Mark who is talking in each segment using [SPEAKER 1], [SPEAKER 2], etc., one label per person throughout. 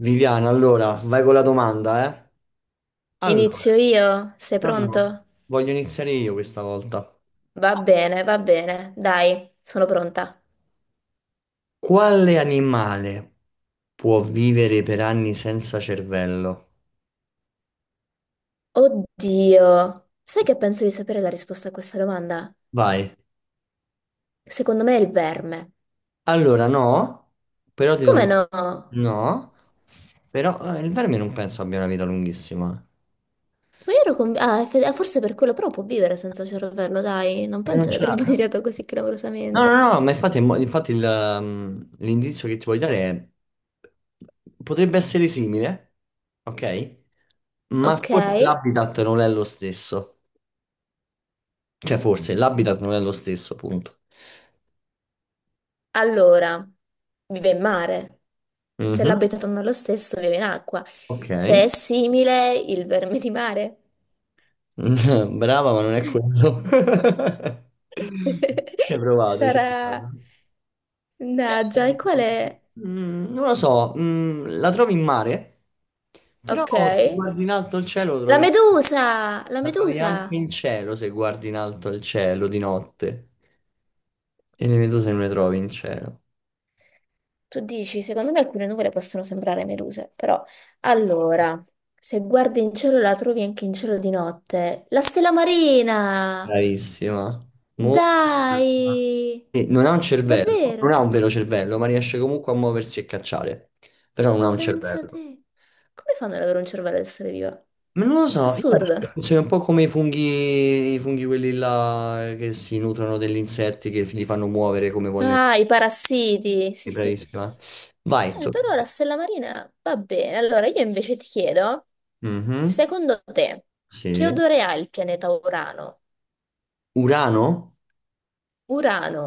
[SPEAKER 1] Viviana, allora, vai con la domanda, eh? Allora,
[SPEAKER 2] Inizio io? Sei
[SPEAKER 1] no, Mm. No,
[SPEAKER 2] pronto?
[SPEAKER 1] voglio iniziare io questa volta.
[SPEAKER 2] Va bene, dai, sono pronta.
[SPEAKER 1] Quale animale può vivere per anni senza cervello?
[SPEAKER 2] Oddio, sai che penso di sapere la risposta a questa domanda?
[SPEAKER 1] Vai.
[SPEAKER 2] Secondo me è il verme.
[SPEAKER 1] Allora, no, però ti do...
[SPEAKER 2] Come
[SPEAKER 1] un-
[SPEAKER 2] no? Ma
[SPEAKER 1] No, però il verme non penso abbia una vita lunghissima.
[SPEAKER 2] io ero convinta... Ah, forse per quello, però può vivere senza cervello, dai, non
[SPEAKER 1] Perché non
[SPEAKER 2] penso di
[SPEAKER 1] ce
[SPEAKER 2] aver
[SPEAKER 1] l'ha?
[SPEAKER 2] sbagliato così
[SPEAKER 1] No, no,
[SPEAKER 2] clamorosamente.
[SPEAKER 1] no, ma infatti, mo- infatti il l'indizio che ti voglio dare è... Potrebbe essere simile, ok? Ma
[SPEAKER 2] Ok,
[SPEAKER 1] forse l'habitat non è lo stesso. Cioè, forse l'habitat non è lo stesso, punto.
[SPEAKER 2] allora, vive in mare. Se
[SPEAKER 1] Mhm.
[SPEAKER 2] l'habitat non è lo stesso, vive in acqua.
[SPEAKER 1] Ok.
[SPEAKER 2] Se è simile, il verme di mare.
[SPEAKER 1] Brava, ma non è quello. Ci hai provato, ci hai provato.
[SPEAKER 2] Sarà... Mannaggia, e qual è?
[SPEAKER 1] Mm, non lo so, mm, la trovi in mare, però
[SPEAKER 2] Ok.
[SPEAKER 1] se guardi in alto il cielo lo
[SPEAKER 2] La
[SPEAKER 1] trovi anche-
[SPEAKER 2] medusa! La
[SPEAKER 1] la trovi
[SPEAKER 2] medusa!
[SPEAKER 1] anche in cielo se guardi in alto il cielo di notte. E le meduse non le trovi in cielo.
[SPEAKER 2] Tu dici, secondo me alcune nuvole possono sembrare meduse, però... Allora, se guardi in cielo la trovi anche in cielo di notte. La stella marina!
[SPEAKER 1] Bravissima. Molto brava.
[SPEAKER 2] Dai!
[SPEAKER 1] Sì. Non ha un cervello, non
[SPEAKER 2] Davvero?
[SPEAKER 1] ha un vero cervello, ma riesce comunque a muoversi e cacciare. Però non ha un
[SPEAKER 2] Pensa a
[SPEAKER 1] cervello.
[SPEAKER 2] te. Come fanno ad avere un cervello ad essere viva?
[SPEAKER 1] Ma non lo so, io penso che
[SPEAKER 2] Assurdo.
[SPEAKER 1] funzioni un po' come i funghi quelli là che si nutrono degli insetti che li fanno muovere come vogliono.
[SPEAKER 2] Ah, i parassiti! Sì, sì.
[SPEAKER 1] Bravissima. Vai, tocca
[SPEAKER 2] Però
[SPEAKER 1] a
[SPEAKER 2] la
[SPEAKER 1] te.
[SPEAKER 2] stella marina va bene. Allora io invece ti chiedo,
[SPEAKER 1] Mhm.
[SPEAKER 2] secondo te, che
[SPEAKER 1] Sì.
[SPEAKER 2] odore ha il pianeta Urano?
[SPEAKER 1] Urano?
[SPEAKER 2] Urano.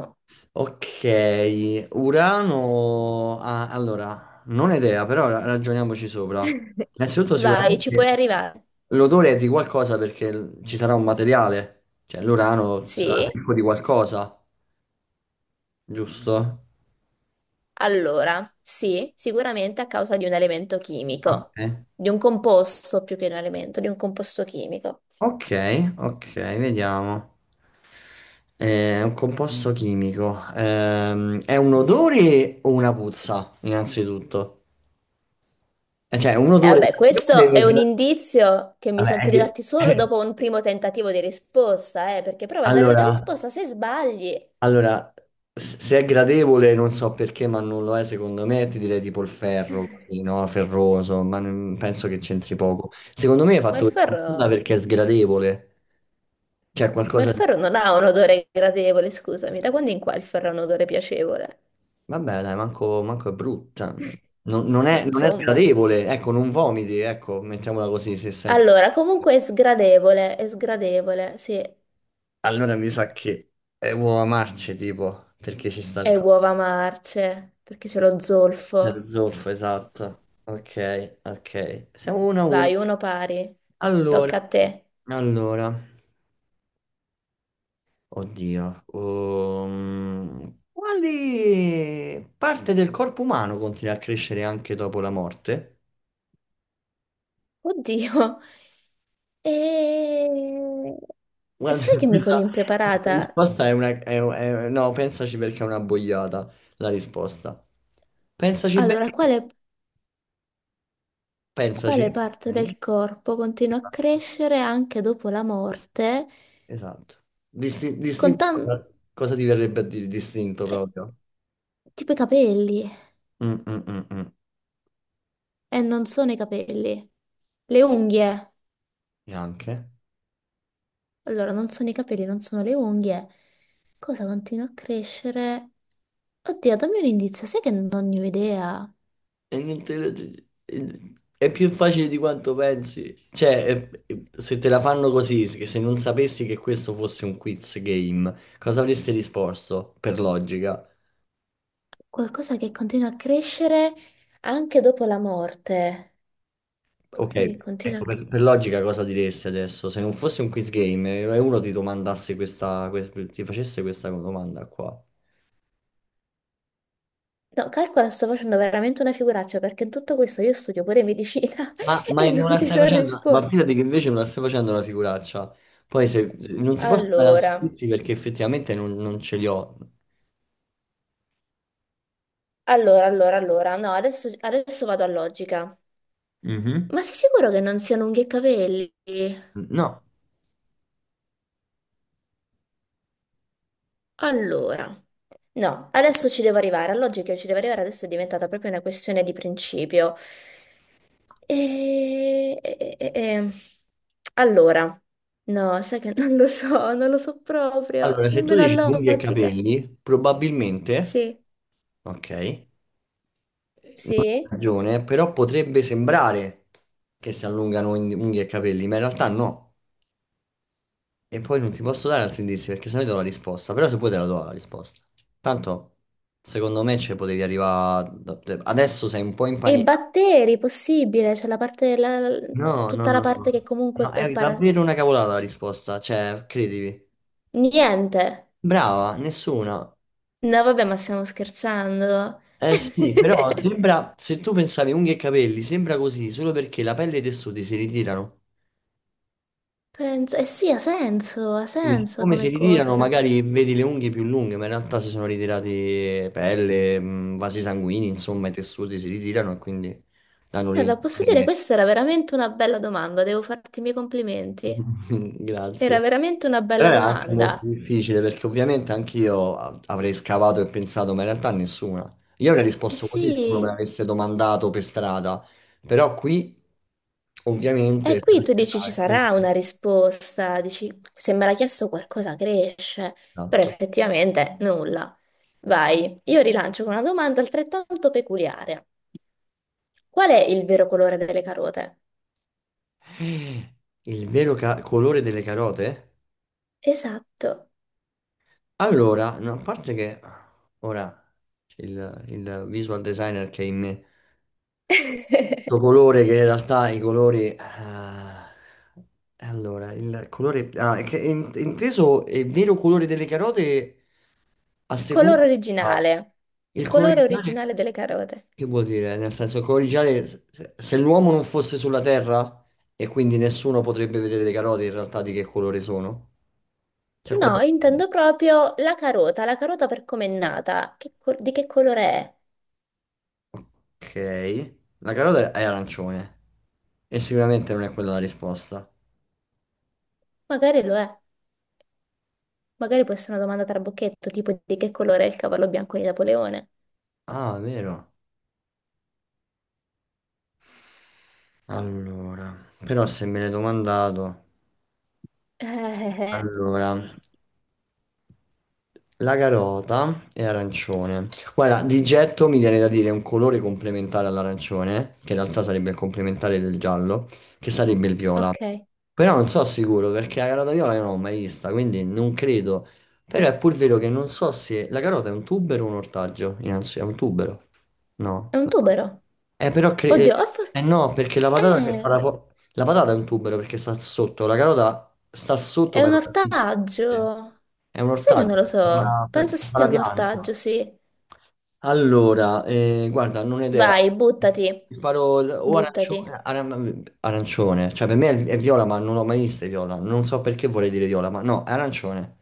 [SPEAKER 1] Ok, Urano... ah, allora, non ho idea, però ra- ragioniamoci sopra. Innanzitutto
[SPEAKER 2] Vai, ci
[SPEAKER 1] sicuramente
[SPEAKER 2] puoi arrivare.
[SPEAKER 1] l'odore è di qualcosa perché l- ci sarà un materiale, cioè l'Urano sarà
[SPEAKER 2] Sì,
[SPEAKER 1] ricco di qualcosa, giusto?
[SPEAKER 2] allora, sì, sicuramente a causa di un elemento chimico,
[SPEAKER 1] Ok,
[SPEAKER 2] di un composto più che un elemento, di un composto chimico.
[SPEAKER 1] ok, ok, vediamo. È un composto chimico. È un odore o una puzza, innanzitutto? Cioè, un
[SPEAKER 2] E
[SPEAKER 1] odore...
[SPEAKER 2] vabbè, questo è un indizio che mi
[SPEAKER 1] Vabbè, è-
[SPEAKER 2] sento di
[SPEAKER 1] che-
[SPEAKER 2] darti solo dopo un primo tentativo di risposta, perché prova a dare la
[SPEAKER 1] Allora,
[SPEAKER 2] risposta se sbagli.
[SPEAKER 1] allora, s- se è gradevole, non so perché, ma non lo è secondo me, ti direi tipo il ferro, così, no? Ferroso, ma non- penso che c'entri poco. Secondo me hai
[SPEAKER 2] Ma
[SPEAKER 1] fatto
[SPEAKER 2] il
[SPEAKER 1] questa domanda
[SPEAKER 2] ferro
[SPEAKER 1] perché è sgradevole, cioè
[SPEAKER 2] Ma il
[SPEAKER 1] qualcosa di...
[SPEAKER 2] ferro non ha un odore gradevole, scusami, da quando in qua il ferro ha un odore piacevole?
[SPEAKER 1] Vabbè, dai, manco, manco è brutta. Non
[SPEAKER 2] Ma
[SPEAKER 1] è, non è
[SPEAKER 2] insomma,
[SPEAKER 1] sgradevole, ecco, non vomiti, ecco, mettiamola così, se senti...
[SPEAKER 2] allora, comunque è sgradevole, sì,
[SPEAKER 1] Allora mi sa che è uova marce, tipo, perché ci sta il...
[SPEAKER 2] è
[SPEAKER 1] co-
[SPEAKER 2] uova marce, perché c'è lo
[SPEAKER 1] c'è lo
[SPEAKER 2] zolfo.
[SPEAKER 1] zolfo, esatto. Ok, ok. Siamo uno a uno.
[SPEAKER 2] Vai, uno pari, tocca
[SPEAKER 1] Allora...
[SPEAKER 2] a te.
[SPEAKER 1] Allora, oddio, quale parte del corpo umano continua a crescere anche dopo la morte?
[SPEAKER 2] Oddio, e... e
[SPEAKER 1] Guarda,
[SPEAKER 2] sai che mi cogli
[SPEAKER 1] questa
[SPEAKER 2] impreparata?
[SPEAKER 1] risposta è una... è- no, pensaci perché è una boiata la risposta. Pensaci
[SPEAKER 2] Allora,
[SPEAKER 1] bene,
[SPEAKER 2] quale,
[SPEAKER 1] pensaci.
[SPEAKER 2] quale parte
[SPEAKER 1] Ok?
[SPEAKER 2] del corpo continua a crescere anche dopo la morte?
[SPEAKER 1] Esatto. Disti-
[SPEAKER 2] Con
[SPEAKER 1] distinto,
[SPEAKER 2] tanto.
[SPEAKER 1] cosa ti verrebbe a dire distinto
[SPEAKER 2] Eh,
[SPEAKER 1] proprio?
[SPEAKER 2] Tipo i capelli.
[SPEAKER 1] Mm, mm, mm, mm.
[SPEAKER 2] Non sono i capelli. Le unghie.
[SPEAKER 1] Neanche.
[SPEAKER 2] Allora, non sono i capelli, non sono le unghie. Cosa continua a crescere? Oddio, dammi un indizio. Sai che non ne ho idea.
[SPEAKER 1] E non te la- È più facile di quanto pensi. Cioè, è- se te la fanno così, se non sapessi che questo fosse un quiz game, cosa avresti risposto per logica?
[SPEAKER 2] Qualcosa che continua a crescere anche dopo la morte.
[SPEAKER 1] Ok,
[SPEAKER 2] Qualcosa che continua a...
[SPEAKER 1] ecco,
[SPEAKER 2] cre-
[SPEAKER 1] per logica cosa diresti adesso? Se non fosse un quiz game e uno ti domandasse questa, que- ti facesse questa domanda qua.
[SPEAKER 2] No, calcola, sto facendo veramente una figuraccia perché in tutto questo io studio pure medicina
[SPEAKER 1] Ma, ma
[SPEAKER 2] e
[SPEAKER 1] non
[SPEAKER 2] non
[SPEAKER 1] la
[SPEAKER 2] ti
[SPEAKER 1] stai
[SPEAKER 2] so
[SPEAKER 1] facendo? Ma
[SPEAKER 2] rispondere.
[SPEAKER 1] fidati che invece non la stai facendo una figuraccia. Poi se, non ti posso dare altri
[SPEAKER 2] Allora,
[SPEAKER 1] quiz perché effettivamente non ce li ho.
[SPEAKER 2] allora. No, adesso vado a logica.
[SPEAKER 1] Mhm.
[SPEAKER 2] Ma sei sicuro che non siano unghie e capelli?
[SPEAKER 1] No.
[SPEAKER 2] Allora, no, adesso ci devo arrivare, la logica ci devo arrivare, adesso è diventata proprio una questione di principio. E... e- e- e- Allora, no, sai che non lo so, non lo so proprio,
[SPEAKER 1] Allora, se tu
[SPEAKER 2] nemmeno
[SPEAKER 1] dici
[SPEAKER 2] la
[SPEAKER 1] unghie e
[SPEAKER 2] logica.
[SPEAKER 1] capelli, probabilmente,
[SPEAKER 2] Sì,
[SPEAKER 1] ok, non hai
[SPEAKER 2] sì.
[SPEAKER 1] ragione, però potrebbe sembrare che si allungano in- unghie e capelli, ma in realtà no. E poi non ti posso dare altri indizi perché sennò ti do la risposta, però se puoi te la do la risposta. Tanto, secondo me ci potevi arrivare... da- te- Adesso sei un po'
[SPEAKER 2] E i
[SPEAKER 1] impanicato.
[SPEAKER 2] batteri, possibile, c'è la parte,
[SPEAKER 1] No, no,
[SPEAKER 2] tutta la
[SPEAKER 1] no,
[SPEAKER 2] parte che
[SPEAKER 1] no.
[SPEAKER 2] comunque
[SPEAKER 1] No,
[SPEAKER 2] è
[SPEAKER 1] è
[SPEAKER 2] para...
[SPEAKER 1] davvero una cavolata la risposta, cioè, credimi.
[SPEAKER 2] Niente.
[SPEAKER 1] Brava, nessuna.
[SPEAKER 2] No, vabbè, ma stiamo scherzando.
[SPEAKER 1] Eh sì, però sembra, se tu pensavi unghie e capelli, sembra così solo perché la pelle e i tessuti si ritirano.
[SPEAKER 2] Penso, eh sì, ha
[SPEAKER 1] Quindi,
[SPEAKER 2] senso
[SPEAKER 1] come si
[SPEAKER 2] come
[SPEAKER 1] ritirano,
[SPEAKER 2] cosa.
[SPEAKER 1] magari vedi le unghie più lunghe, ma in realtà si sono ritirati pelle, vasi sanguigni, insomma, i tessuti si ritirano e quindi danno
[SPEAKER 2] Guarda, posso
[SPEAKER 1] l'illusione
[SPEAKER 2] dire,
[SPEAKER 1] che...
[SPEAKER 2] questa era veramente una bella domanda, devo farti i miei complimenti. Era
[SPEAKER 1] Grazie.
[SPEAKER 2] veramente una
[SPEAKER 1] Però
[SPEAKER 2] bella
[SPEAKER 1] è anche molto
[SPEAKER 2] domanda.
[SPEAKER 1] difficile perché ovviamente anch'io a- avrei scavato e pensato, ma in realtà nessuna. Io avrei
[SPEAKER 2] Eh
[SPEAKER 1] risposto così se uno me
[SPEAKER 2] sì,
[SPEAKER 1] l'avesse domandato per strada, però qui
[SPEAKER 2] e
[SPEAKER 1] ovviamente...
[SPEAKER 2] qui tu dici ci
[SPEAKER 1] quindi-
[SPEAKER 2] sarà una risposta, dici se me l'ha chiesto qualcosa cresce, però
[SPEAKER 1] Esatto.
[SPEAKER 2] effettivamente nulla. Vai, io rilancio con una domanda altrettanto peculiare. Qual è il vero colore delle carote?
[SPEAKER 1] Il vero ca- colore delle carote?
[SPEAKER 2] Esatto.
[SPEAKER 1] Allora, no, a parte che ora il visual designer che è in me Questo colore che in realtà i colori... ah, allora, il colore... Ah, è che è in- inteso è il vero colore delle carote a seconda...
[SPEAKER 2] Colore
[SPEAKER 1] ah,
[SPEAKER 2] originale. Il
[SPEAKER 1] il colore
[SPEAKER 2] colore
[SPEAKER 1] ideale
[SPEAKER 2] originale delle carote.
[SPEAKER 1] che vuol dire? Nel senso, il colore ideale, se l'uomo non fosse sulla Terra e quindi nessuno potrebbe vedere le carote in realtà di che colore sono. Cioè,
[SPEAKER 2] No,
[SPEAKER 1] quella-
[SPEAKER 2] intendo proprio la carota per come è nata. Di che colore è?
[SPEAKER 1] Ok, la carota è arancione e sicuramente non è quella la risposta.
[SPEAKER 2] Magari lo è. Magari può essere una domanda trabocchetto, tipo di che colore è il cavallo bianco di Napoleone.
[SPEAKER 1] Ah, vero. Allora, però se me l'hai domandato...
[SPEAKER 2] Eh.
[SPEAKER 1] Allora, la carota è arancione. Guarda, di getto mi viene da dire un colore complementare all'arancione, che in realtà sarebbe il complementare del giallo, che sarebbe il viola.
[SPEAKER 2] Ok.
[SPEAKER 1] Però non so sicuro perché la carota viola io non l'ho mai vista, quindi non credo. Però è pur vero che non so se la carota è un tubero o un ortaggio. Innanzi, è un tubero. No.
[SPEAKER 2] È un tubero.
[SPEAKER 1] Eh, però cre- eh,
[SPEAKER 2] Oddio, ho for-
[SPEAKER 1] eh no, perché la patata che fa la,
[SPEAKER 2] eh,
[SPEAKER 1] po- la patata è un tubero perché sta sotto, la carota sta sotto
[SPEAKER 2] è
[SPEAKER 1] per
[SPEAKER 2] un ortaggio.
[SPEAKER 1] è un
[SPEAKER 2] Sai che
[SPEAKER 1] ortaggio
[SPEAKER 2] non lo so.
[SPEAKER 1] per
[SPEAKER 2] Penso sia
[SPEAKER 1] la
[SPEAKER 2] un
[SPEAKER 1] pianta.
[SPEAKER 2] ortaggio, sì.
[SPEAKER 1] Allora, guarda, non ho idea.
[SPEAKER 2] Vai, buttati.
[SPEAKER 1] Ti sparo l- o arancione,
[SPEAKER 2] Buttati.
[SPEAKER 1] aran- arancione. Cioè, per me è viola, ma non l'ho mai vista è viola. Non so perché vorrei dire viola, ma no, è arancione.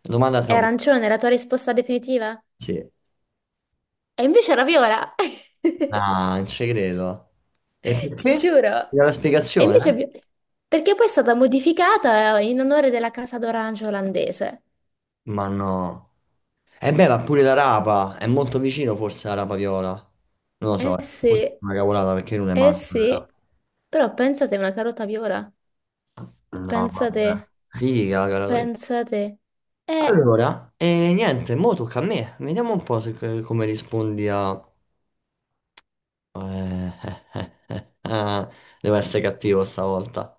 [SPEAKER 1] Domanda
[SPEAKER 2] È
[SPEAKER 1] tra bu-
[SPEAKER 2] arancione, la tua risposta definitiva?
[SPEAKER 1] Sì.
[SPEAKER 2] E invece Raviola,
[SPEAKER 1] Ah, non ci credo. E
[SPEAKER 2] ti
[SPEAKER 1] perché?
[SPEAKER 2] giuro.
[SPEAKER 1] Mi dà la
[SPEAKER 2] E invece,
[SPEAKER 1] spiegazione?
[SPEAKER 2] perché poi è stata modificata in onore della casa d'orange olandese.
[SPEAKER 1] Ma no. E beh, ma pure la rapa. È molto vicino forse alla rapa viola. Non lo
[SPEAKER 2] Eh
[SPEAKER 1] so, forse
[SPEAKER 2] sì,
[SPEAKER 1] è una cavolata perché non è
[SPEAKER 2] eh
[SPEAKER 1] manco.
[SPEAKER 2] sì. Però pensate una carota viola.
[SPEAKER 1] No, vabbè.
[SPEAKER 2] Pensate,
[SPEAKER 1] Figa la gara d'olio.
[SPEAKER 2] pensate. Eh,
[SPEAKER 1] Allora, e niente, mo tocca a me. Vediamo un po' se, come rispondi a... eh, eh. Devo essere cattivo stavolta.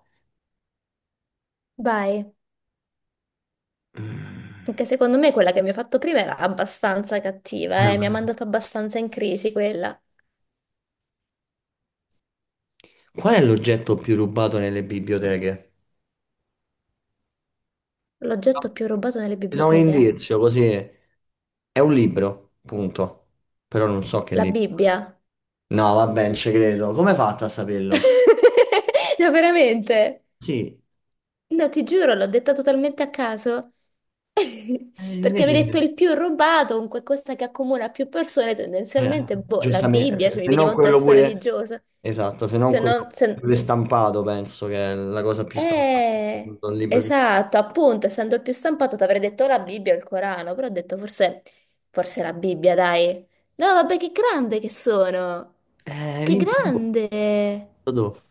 [SPEAKER 2] vai.
[SPEAKER 1] Mm.
[SPEAKER 2] Anche secondo me quella che mi ha fatto prima era abbastanza cattiva,
[SPEAKER 1] Qual
[SPEAKER 2] eh. Mi ha mandato abbastanza in crisi quella.
[SPEAKER 1] è l'oggetto più rubato nelle biblioteche?
[SPEAKER 2] L'oggetto più rubato nelle
[SPEAKER 1] Ti do un
[SPEAKER 2] biblioteche.
[SPEAKER 1] indizio, così è un libro, punto. Però non so che
[SPEAKER 2] La
[SPEAKER 1] libro.
[SPEAKER 2] Bibbia.
[SPEAKER 1] No, vabbè, non ci credo. Come hai fatto a saperlo?
[SPEAKER 2] No, veramente.
[SPEAKER 1] Sì,
[SPEAKER 2] No, ti giuro, l'ho detta totalmente a caso. Perché mi hai
[SPEAKER 1] invece.
[SPEAKER 2] detto il più rubato, un qualcosa che accomuna più persone,
[SPEAKER 1] Eh,
[SPEAKER 2] tendenzialmente, boh, la
[SPEAKER 1] giustamente,
[SPEAKER 2] Bibbia,
[SPEAKER 1] se,
[SPEAKER 2] cioè mi
[SPEAKER 1] se non
[SPEAKER 2] veniva un
[SPEAKER 1] quello
[SPEAKER 2] testo
[SPEAKER 1] pure,
[SPEAKER 2] religioso.
[SPEAKER 1] esatto, se non
[SPEAKER 2] Se
[SPEAKER 1] quello
[SPEAKER 2] non... se-
[SPEAKER 1] pure stampato, penso che è la cosa più stampata, un libro più...
[SPEAKER 2] Esatto, appunto, essendo il più stampato, ti avrei detto la Bibbia o il Corano, però ho detto forse, forse la Bibbia, dai. No, vabbè, che grande che sono! Che
[SPEAKER 1] Minchia, boh,
[SPEAKER 2] grande!
[SPEAKER 1] boh.